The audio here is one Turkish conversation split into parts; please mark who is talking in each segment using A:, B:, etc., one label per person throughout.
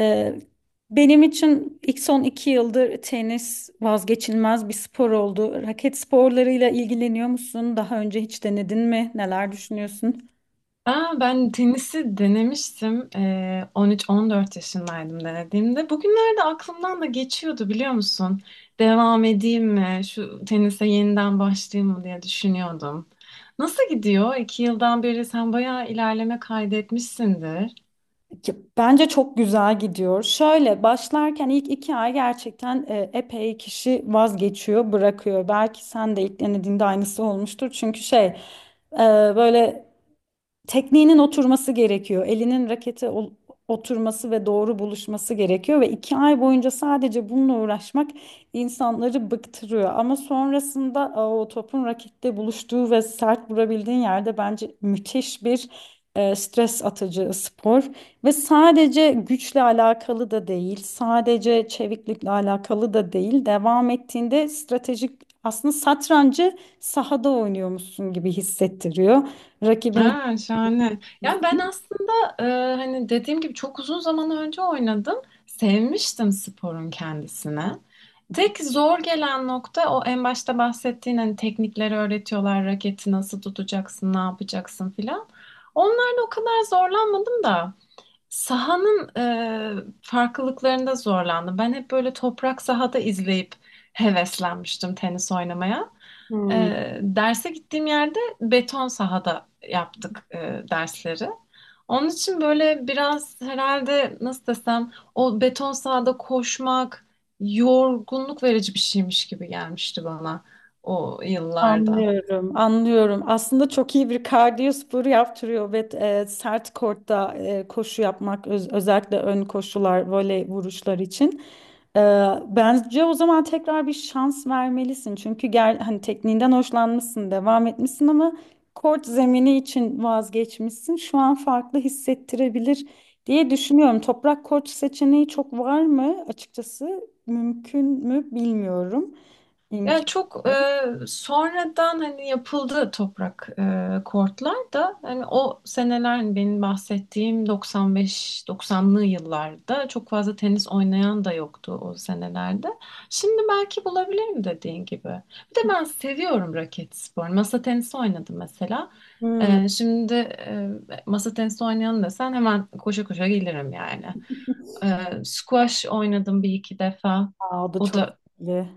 A: Ee, benim için son iki yıldır tenis vazgeçilmez bir spor oldu. Raket sporlarıyla ilgileniyor musun? Daha önce hiç denedin mi? Neler düşünüyorsun?
B: Aa, ben tenisi denemiştim. 13-14 yaşındaydım denediğimde. Bugünlerde aklımdan da geçiyordu biliyor musun? Devam edeyim mi? Şu tenise yeniden başlayayım mı diye düşünüyordum. Nasıl gidiyor? 2 yıldan beri sen bayağı ilerleme kaydetmişsindir.
A: Ya, bence çok güzel gidiyor. Şöyle başlarken ilk iki ay gerçekten epey kişi vazgeçiyor, bırakıyor. Belki sen de ilk denediğinde aynısı olmuştur. Çünkü şey, e, böyle tekniğinin oturması gerekiyor. Elinin rakete oturması ve doğru buluşması gerekiyor ve iki ay boyunca sadece bununla uğraşmak insanları bıktırıyor. Ama sonrasında aa, o topun rakette buluştuğu ve sert vurabildiğin yerde bence müthiş bir stres atıcı spor ve sadece güçle alakalı da değil, sadece çeviklikle alakalı da değil. Devam ettiğinde stratejik, aslında satrancı sahada oynuyormuşsun gibi hissettiriyor. Rakibin.
B: Ha, şahane. Ya ben aslında e, hani dediğim gibi çok uzun zaman önce oynadım. Sevmiştim sporun kendisini. Tek zor gelen nokta o en başta bahsettiğin hani teknikleri öğretiyorlar, raketi nasıl tutacaksın, ne yapacaksın filan. Onlarla o kadar zorlanmadım da sahanın farklılıklarında zorlandım. Ben hep böyle toprak sahada izleyip heveslenmiştim tenis oynamaya.
A: Hmm.
B: Derse gittiğim yerde beton sahada yaptık dersleri. Onun için böyle biraz herhalde nasıl desem o beton sahada koşmak yorgunluk verici bir şeymiş gibi gelmişti bana o yıllarda.
A: Anlıyorum, anlıyorum. Aslında çok iyi bir kardiyo sporu yaptırıyor ve sert kortta koşu yapmak özellikle ön koşular, voley vuruşlar için. E, Bence o zaman tekrar bir şans vermelisin. Çünkü gel, hani tekniğinden hoşlanmışsın, devam etmişsin ama kort zemini için vazgeçmişsin. Şu an farklı hissettirebilir diye düşünüyorum. Toprak kort seçeneği çok var mı? Açıkçası mümkün mü bilmiyorum. İmkan.
B: Yani çok sonradan hani yapıldı toprak kortlar da hani o seneler hani benim bahsettiğim 95-90'lı yıllarda çok fazla tenis oynayan da yoktu o senelerde. Şimdi belki bulabilirim dediğin gibi. Bir de ben seviyorum raket sporunu. Masa tenisi oynadım mesela.
A: Hmm.
B: Şimdi masa tenisi oynayan desen hemen koşa koşa gelirim yani. E, squash oynadım bir iki defa.
A: Aa, o da
B: O
A: çok
B: da
A: iyi.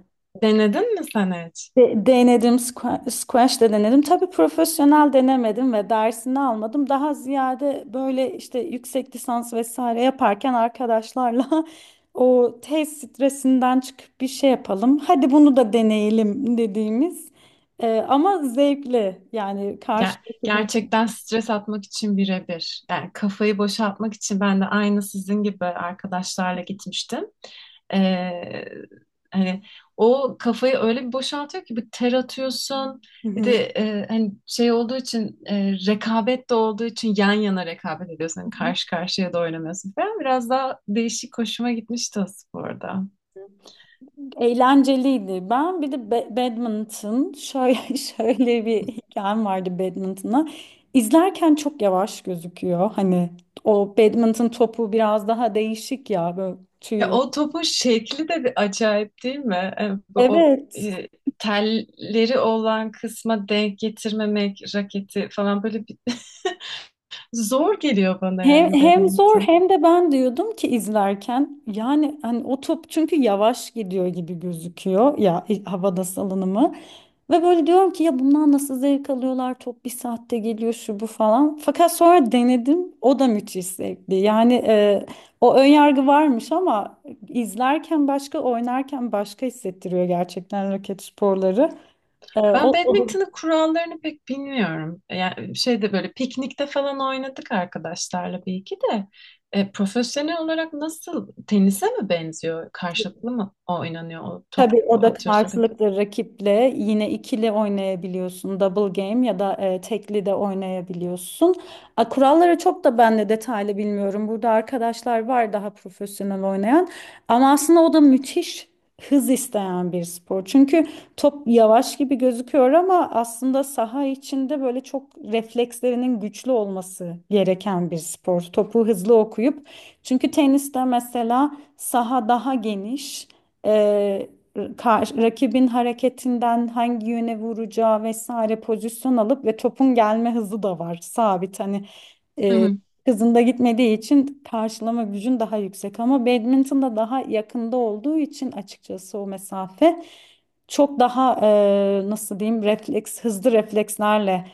B: denedin mi sen hiç?
A: Denedim, squash de denedim. Tabii profesyonel denemedim ve dersini almadım. Daha ziyade böyle işte yüksek lisans vesaire yaparken arkadaşlarla o tez stresinden çıkıp bir şey yapalım. Hadi bunu da deneyelim dediğimiz, ama zevkli yani
B: Ger-
A: karşılıklı bir...
B: gerçekten stres atmak için birebir. Yani kafayı boşaltmak için ben de aynı sizin gibi arkadaşlarla gitmiştim. Ee, hani o kafayı öyle bir boşaltıyor ki bir ter atıyorsun.
A: Hı
B: Bir de
A: hı.
B: hani şey olduğu için rekabet de olduğu için yan yana rekabet ediyorsun. Hani karşı karşıya da oynamıyorsun falan. Biraz daha değişik hoşuma gitmişti o sporda.
A: Eğlenceliydi. Ben bir de badminton şöyle şöyle bir hikayem vardı badminton'a. İzlerken çok yavaş gözüküyor. Hani o badminton topu biraz daha değişik ya, böyle
B: Ya
A: tüy.
B: o topun şekli de bir acayip değil mi? Bu o
A: Evet.
B: e, telleri olan kısma denk getirmemek, raketi falan böyle bir zor geliyor bana
A: Hem,
B: yani
A: hem zor
B: badminton.
A: hem de ben diyordum ki izlerken, yani hani o top çünkü yavaş gidiyor gibi gözüküyor ya, havada salınımı ve böyle diyorum ki ya bundan nasıl zevk alıyorlar, top bir saatte geliyor şu bu falan, fakat sonra denedim o da müthiş zevkli yani, o ön yargı varmış ama izlerken başka, oynarken başka hissettiriyor gerçekten raket sporları. E,
B: Ben
A: o.
B: badminton'ın kurallarını pek bilmiyorum. Yani şeyde böyle piknikte falan oynadık arkadaşlarla bir iki de. Profesyonel olarak nasıl tenise mi benziyor? Karşılıklı mı oynanıyor o top
A: Tabii o da
B: atıyorsun?
A: karşılıklı rakiple, yine ikili oynayabiliyorsun. Double game ya da tekli de oynayabiliyorsun. A, kuralları çok da ben de detaylı bilmiyorum. Burada arkadaşlar var daha profesyonel oynayan. Ama aslında o da müthiş hız isteyen bir spor. Çünkü top yavaş gibi gözüküyor ama aslında saha içinde böyle çok reflekslerinin güçlü olması gereken bir spor. Topu hızlı okuyup. Çünkü teniste mesela saha daha geniş. e, Rakibin hareketinden hangi yöne vuracağı vesaire pozisyon alıp ve topun gelme hızı da var sabit, hani
B: Hı
A: e,
B: hı.
A: hızında gitmediği için karşılama gücün daha yüksek ama badminton'da daha yakında olduğu için açıkçası o mesafe çok daha nasıl diyeyim, refleks hızlı reflekslerle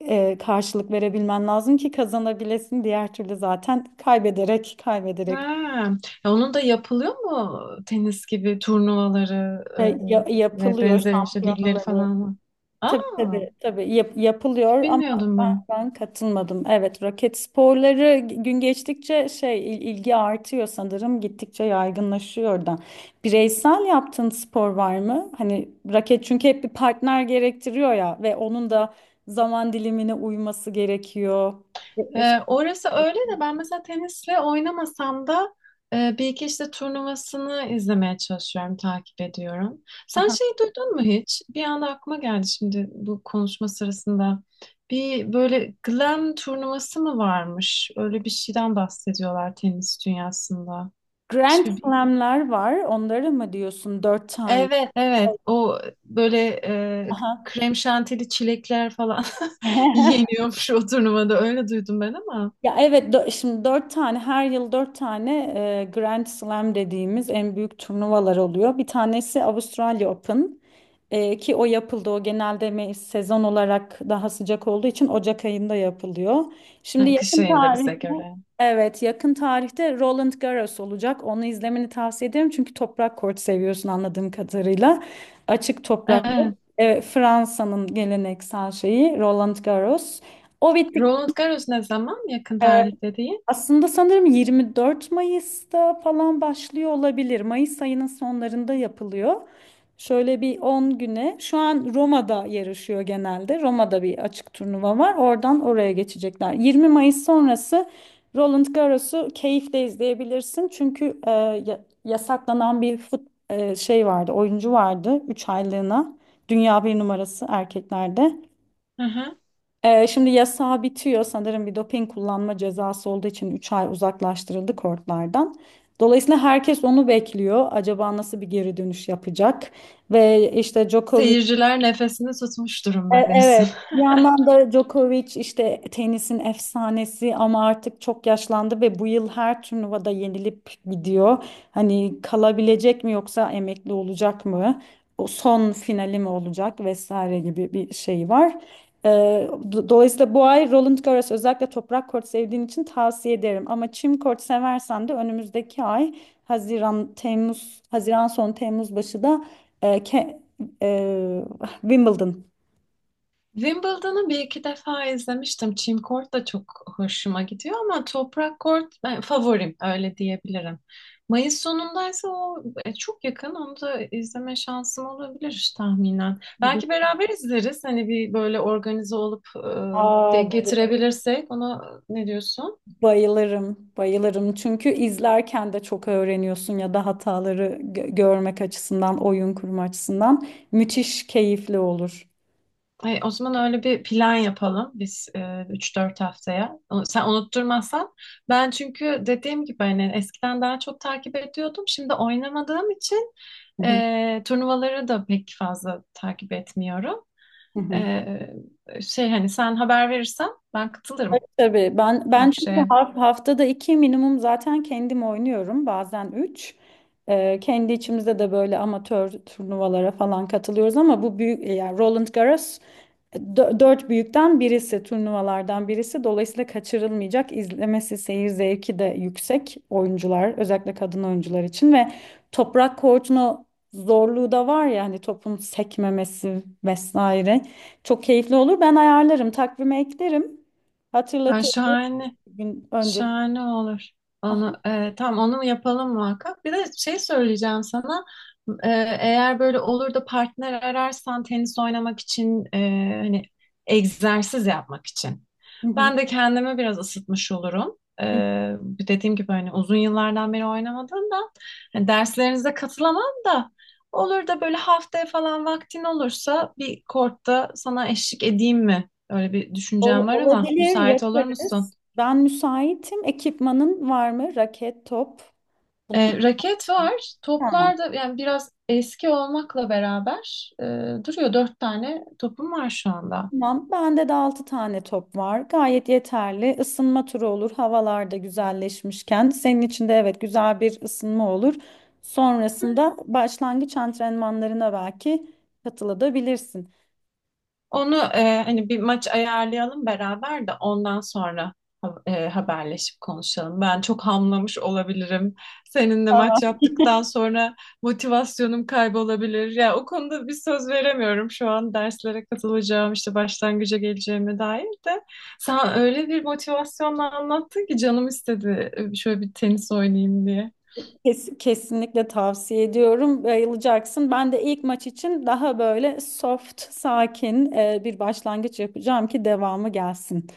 A: karşılık verebilmen lazım ki kazanabilesin, diğer türlü zaten kaybederek
B: Ha,
A: kaybederek.
B: ya onun da yapılıyor mu tenis gibi turnuvaları ve
A: Yapılıyor
B: benzeri işte ligleri
A: şampiyonaları.
B: falan mı?
A: Tabii
B: Aa,
A: tabii tabii
B: hiç
A: yapılıyor ama
B: bilmiyordum ben.
A: ben katılmadım. Evet, raket sporları gün geçtikçe şey, ilgi artıyor sanırım, gittikçe yaygınlaşıyor da. Bireysel yaptığın spor var mı? Hani raket çünkü hep bir partner gerektiriyor ya, ve onun da zaman dilimine uyması gerekiyor.
B: E,
A: Eşlik.
B: orası öyle de ben mesela tenisle oynamasam da bir iki işte turnuvasını izlemeye çalışıyorum, takip ediyorum. Sen
A: Aha.
B: şeyi duydun mu hiç? Bir anda aklıma geldi şimdi bu konuşma sırasında. Bir böyle Glam turnuvası mı varmış? Öyle bir şeyden bahsediyorlar tenis dünyasında.
A: Grand
B: Hiçbir
A: Slam'ler var, onları mı diyorsun, dört tane?
B: Evet, evet. O böyle e,
A: Aha.
B: krem şantili çilekler falan yeniyormuş o turnuvada, öyle duydum ben ama
A: Ya evet, şimdi dört tane, her yıl dört tane Grand Slam dediğimiz en büyük turnuvalar oluyor. Bir tanesi Avustralya Open, ki o yapıldı. O genelde sezon olarak daha sıcak olduğu için Ocak ayında yapılıyor. Şimdi
B: ha, kış
A: yakın
B: ayında bize
A: tarihte,
B: göre.
A: evet yakın tarihte Roland Garros olacak. Onu izlemeni tavsiye ederim çünkü toprak kort seviyorsun anladığım kadarıyla. Açık toprak kort.
B: Evet.
A: E, Fransa'nın geleneksel şeyi Roland Garros. O bittik.
B: Roland Garros ne zaman? Yakın
A: e,
B: tarihte değil.
A: Aslında sanırım 24 Mayıs'ta falan başlıyor olabilir. Mayıs ayının sonlarında yapılıyor. Şöyle bir 10 güne. Şu an Roma'da yarışıyor genelde. Roma'da bir açık turnuva var. Oradan oraya geçecekler. 20 Mayıs sonrası Roland Garros'u keyifle izleyebilirsin. Çünkü yasaklanan bir fut, şey vardı, oyuncu vardı 3 aylığına. Dünya bir numarası erkeklerde.
B: Hı hı.
A: Şimdi yasağı bitiyor sanırım, bir doping kullanma cezası olduğu için 3 ay uzaklaştırıldı kortlardan. Dolayısıyla herkes onu bekliyor. Acaba nasıl bir geri dönüş yapacak? Ve işte Djokovic.
B: Seyirciler nefesini tutmuş durumda diyorsun.
A: Evet. Bir yandan da Djokovic işte tenisin efsanesi ama artık çok yaşlandı ve bu yıl her turnuvada yenilip gidiyor. Hani kalabilecek mi yoksa emekli olacak mı? O son finali mi olacak vesaire gibi bir şey var. Dolayısıyla bu ay Roland Garros özellikle toprak kort sevdiğin için tavsiye ederim. Ama çim kort seversen de önümüzdeki ay Haziran, Temmuz, Haziran sonu Temmuz başı da e, Ke- e, Wimbledon.
B: Wimbledon'u bir iki defa izlemiştim. Çim kort da çok hoşuma gidiyor ama toprak kort ben favorim öyle diyebilirim. Mayıs sonundaysa o çok yakın. Onu da izleme şansım olabilir tahminen. Belki beraber izleriz. Hani bir böyle organize olup
A: Aa,
B: denk
A: bay-
B: getirebilirsek. Ona ne diyorsun?
A: Bayılırım, bayılırım. Çünkü izlerken de çok öğreniyorsun, ya da hataları görmek açısından, oyun kurma açısından müthiş keyifli olur.
B: O zaman öyle bir plan yapalım biz 3-4 haftaya. Sen unutturmazsan. Ben çünkü dediğim gibi hani eskiden daha çok takip ediyordum. Şimdi oynamadığım için
A: Hı hı.
B: Turnuvaları da pek fazla takip etmiyorum.
A: Hı
B: E,
A: hı.
B: şey hani sen haber verirsen ben katılırım
A: Tabii
B: öyle
A: ben
B: bir
A: çünkü
B: şeye.
A: haftada iki minimum zaten kendim oynuyorum, bazen üç. Kendi içimizde de böyle amatör turnuvalara falan katılıyoruz ama bu büyük, yani Roland Garros dört büyükten birisi, turnuvalardan birisi, dolayısıyla kaçırılmayacak, izlemesi seyir zevki de yüksek, oyuncular özellikle kadın oyuncular için ve toprak kortunu zorluğu da var ya, hani topun sekmemesi vesaire. Çok keyifli olur, ben ayarlarım, takvime eklerim.
B: Yani
A: Hatırlatırız
B: şahane.
A: bir gün önce.
B: Şahane olur. Onu
A: Aha.
B: tam onu yapalım muhakkak. Bir de şey söyleyeceğim sana. E, eğer böyle olur da partner ararsan tenis oynamak için, hani egzersiz yapmak için.
A: Hı hı.
B: Ben de kendimi biraz ısıtmış olurum. E,
A: Hı.
B: dediğim gibi hani uzun yıllardan beri oynamadığımdan hani derslerinize katılamam da olur da böyle haftaya falan vaktin olursa bir kortta sana eşlik edeyim mi? Öyle bir düşüncem var
A: Olur,
B: ama müsait olur musun?
A: yaparız. Ben müsaitim. Ekipmanın var mı? Raket, top. Bunun...
B: Raket var.
A: Tamam.
B: Toplar da yani biraz eski olmakla beraber duruyor. 4 tane topum var şu anda.
A: Tamam. Bende de 6 tane top var. Gayet yeterli. Isınma turu olur. Havalar da güzelleşmişken. Senin için de evet güzel bir ısınma olur. Sonrasında başlangıç antrenmanlarına belki katılabilirsin.
B: Onu hani bir maç ayarlayalım beraber de ondan sonra haberleşip konuşalım. Ben çok hamlamış olabilirim. Seninle maç yaptıktan sonra motivasyonum kaybolabilir. Ya o konuda bir söz veremiyorum şu an derslere katılacağım işte başlangıca geleceğime dair de. Sen öyle bir motivasyonla anlattın ki canım istedi, şöyle bir tenis oynayayım diye.
A: Kesinlikle tavsiye ediyorum. Bayılacaksın. Ben de ilk maç için daha böyle soft, sakin, bir başlangıç yapacağım ki devamı gelsin.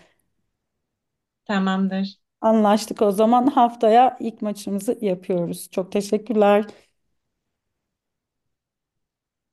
B: Tamamdır.
A: Anlaştık o zaman, haftaya ilk maçımızı yapıyoruz. Çok teşekkürler.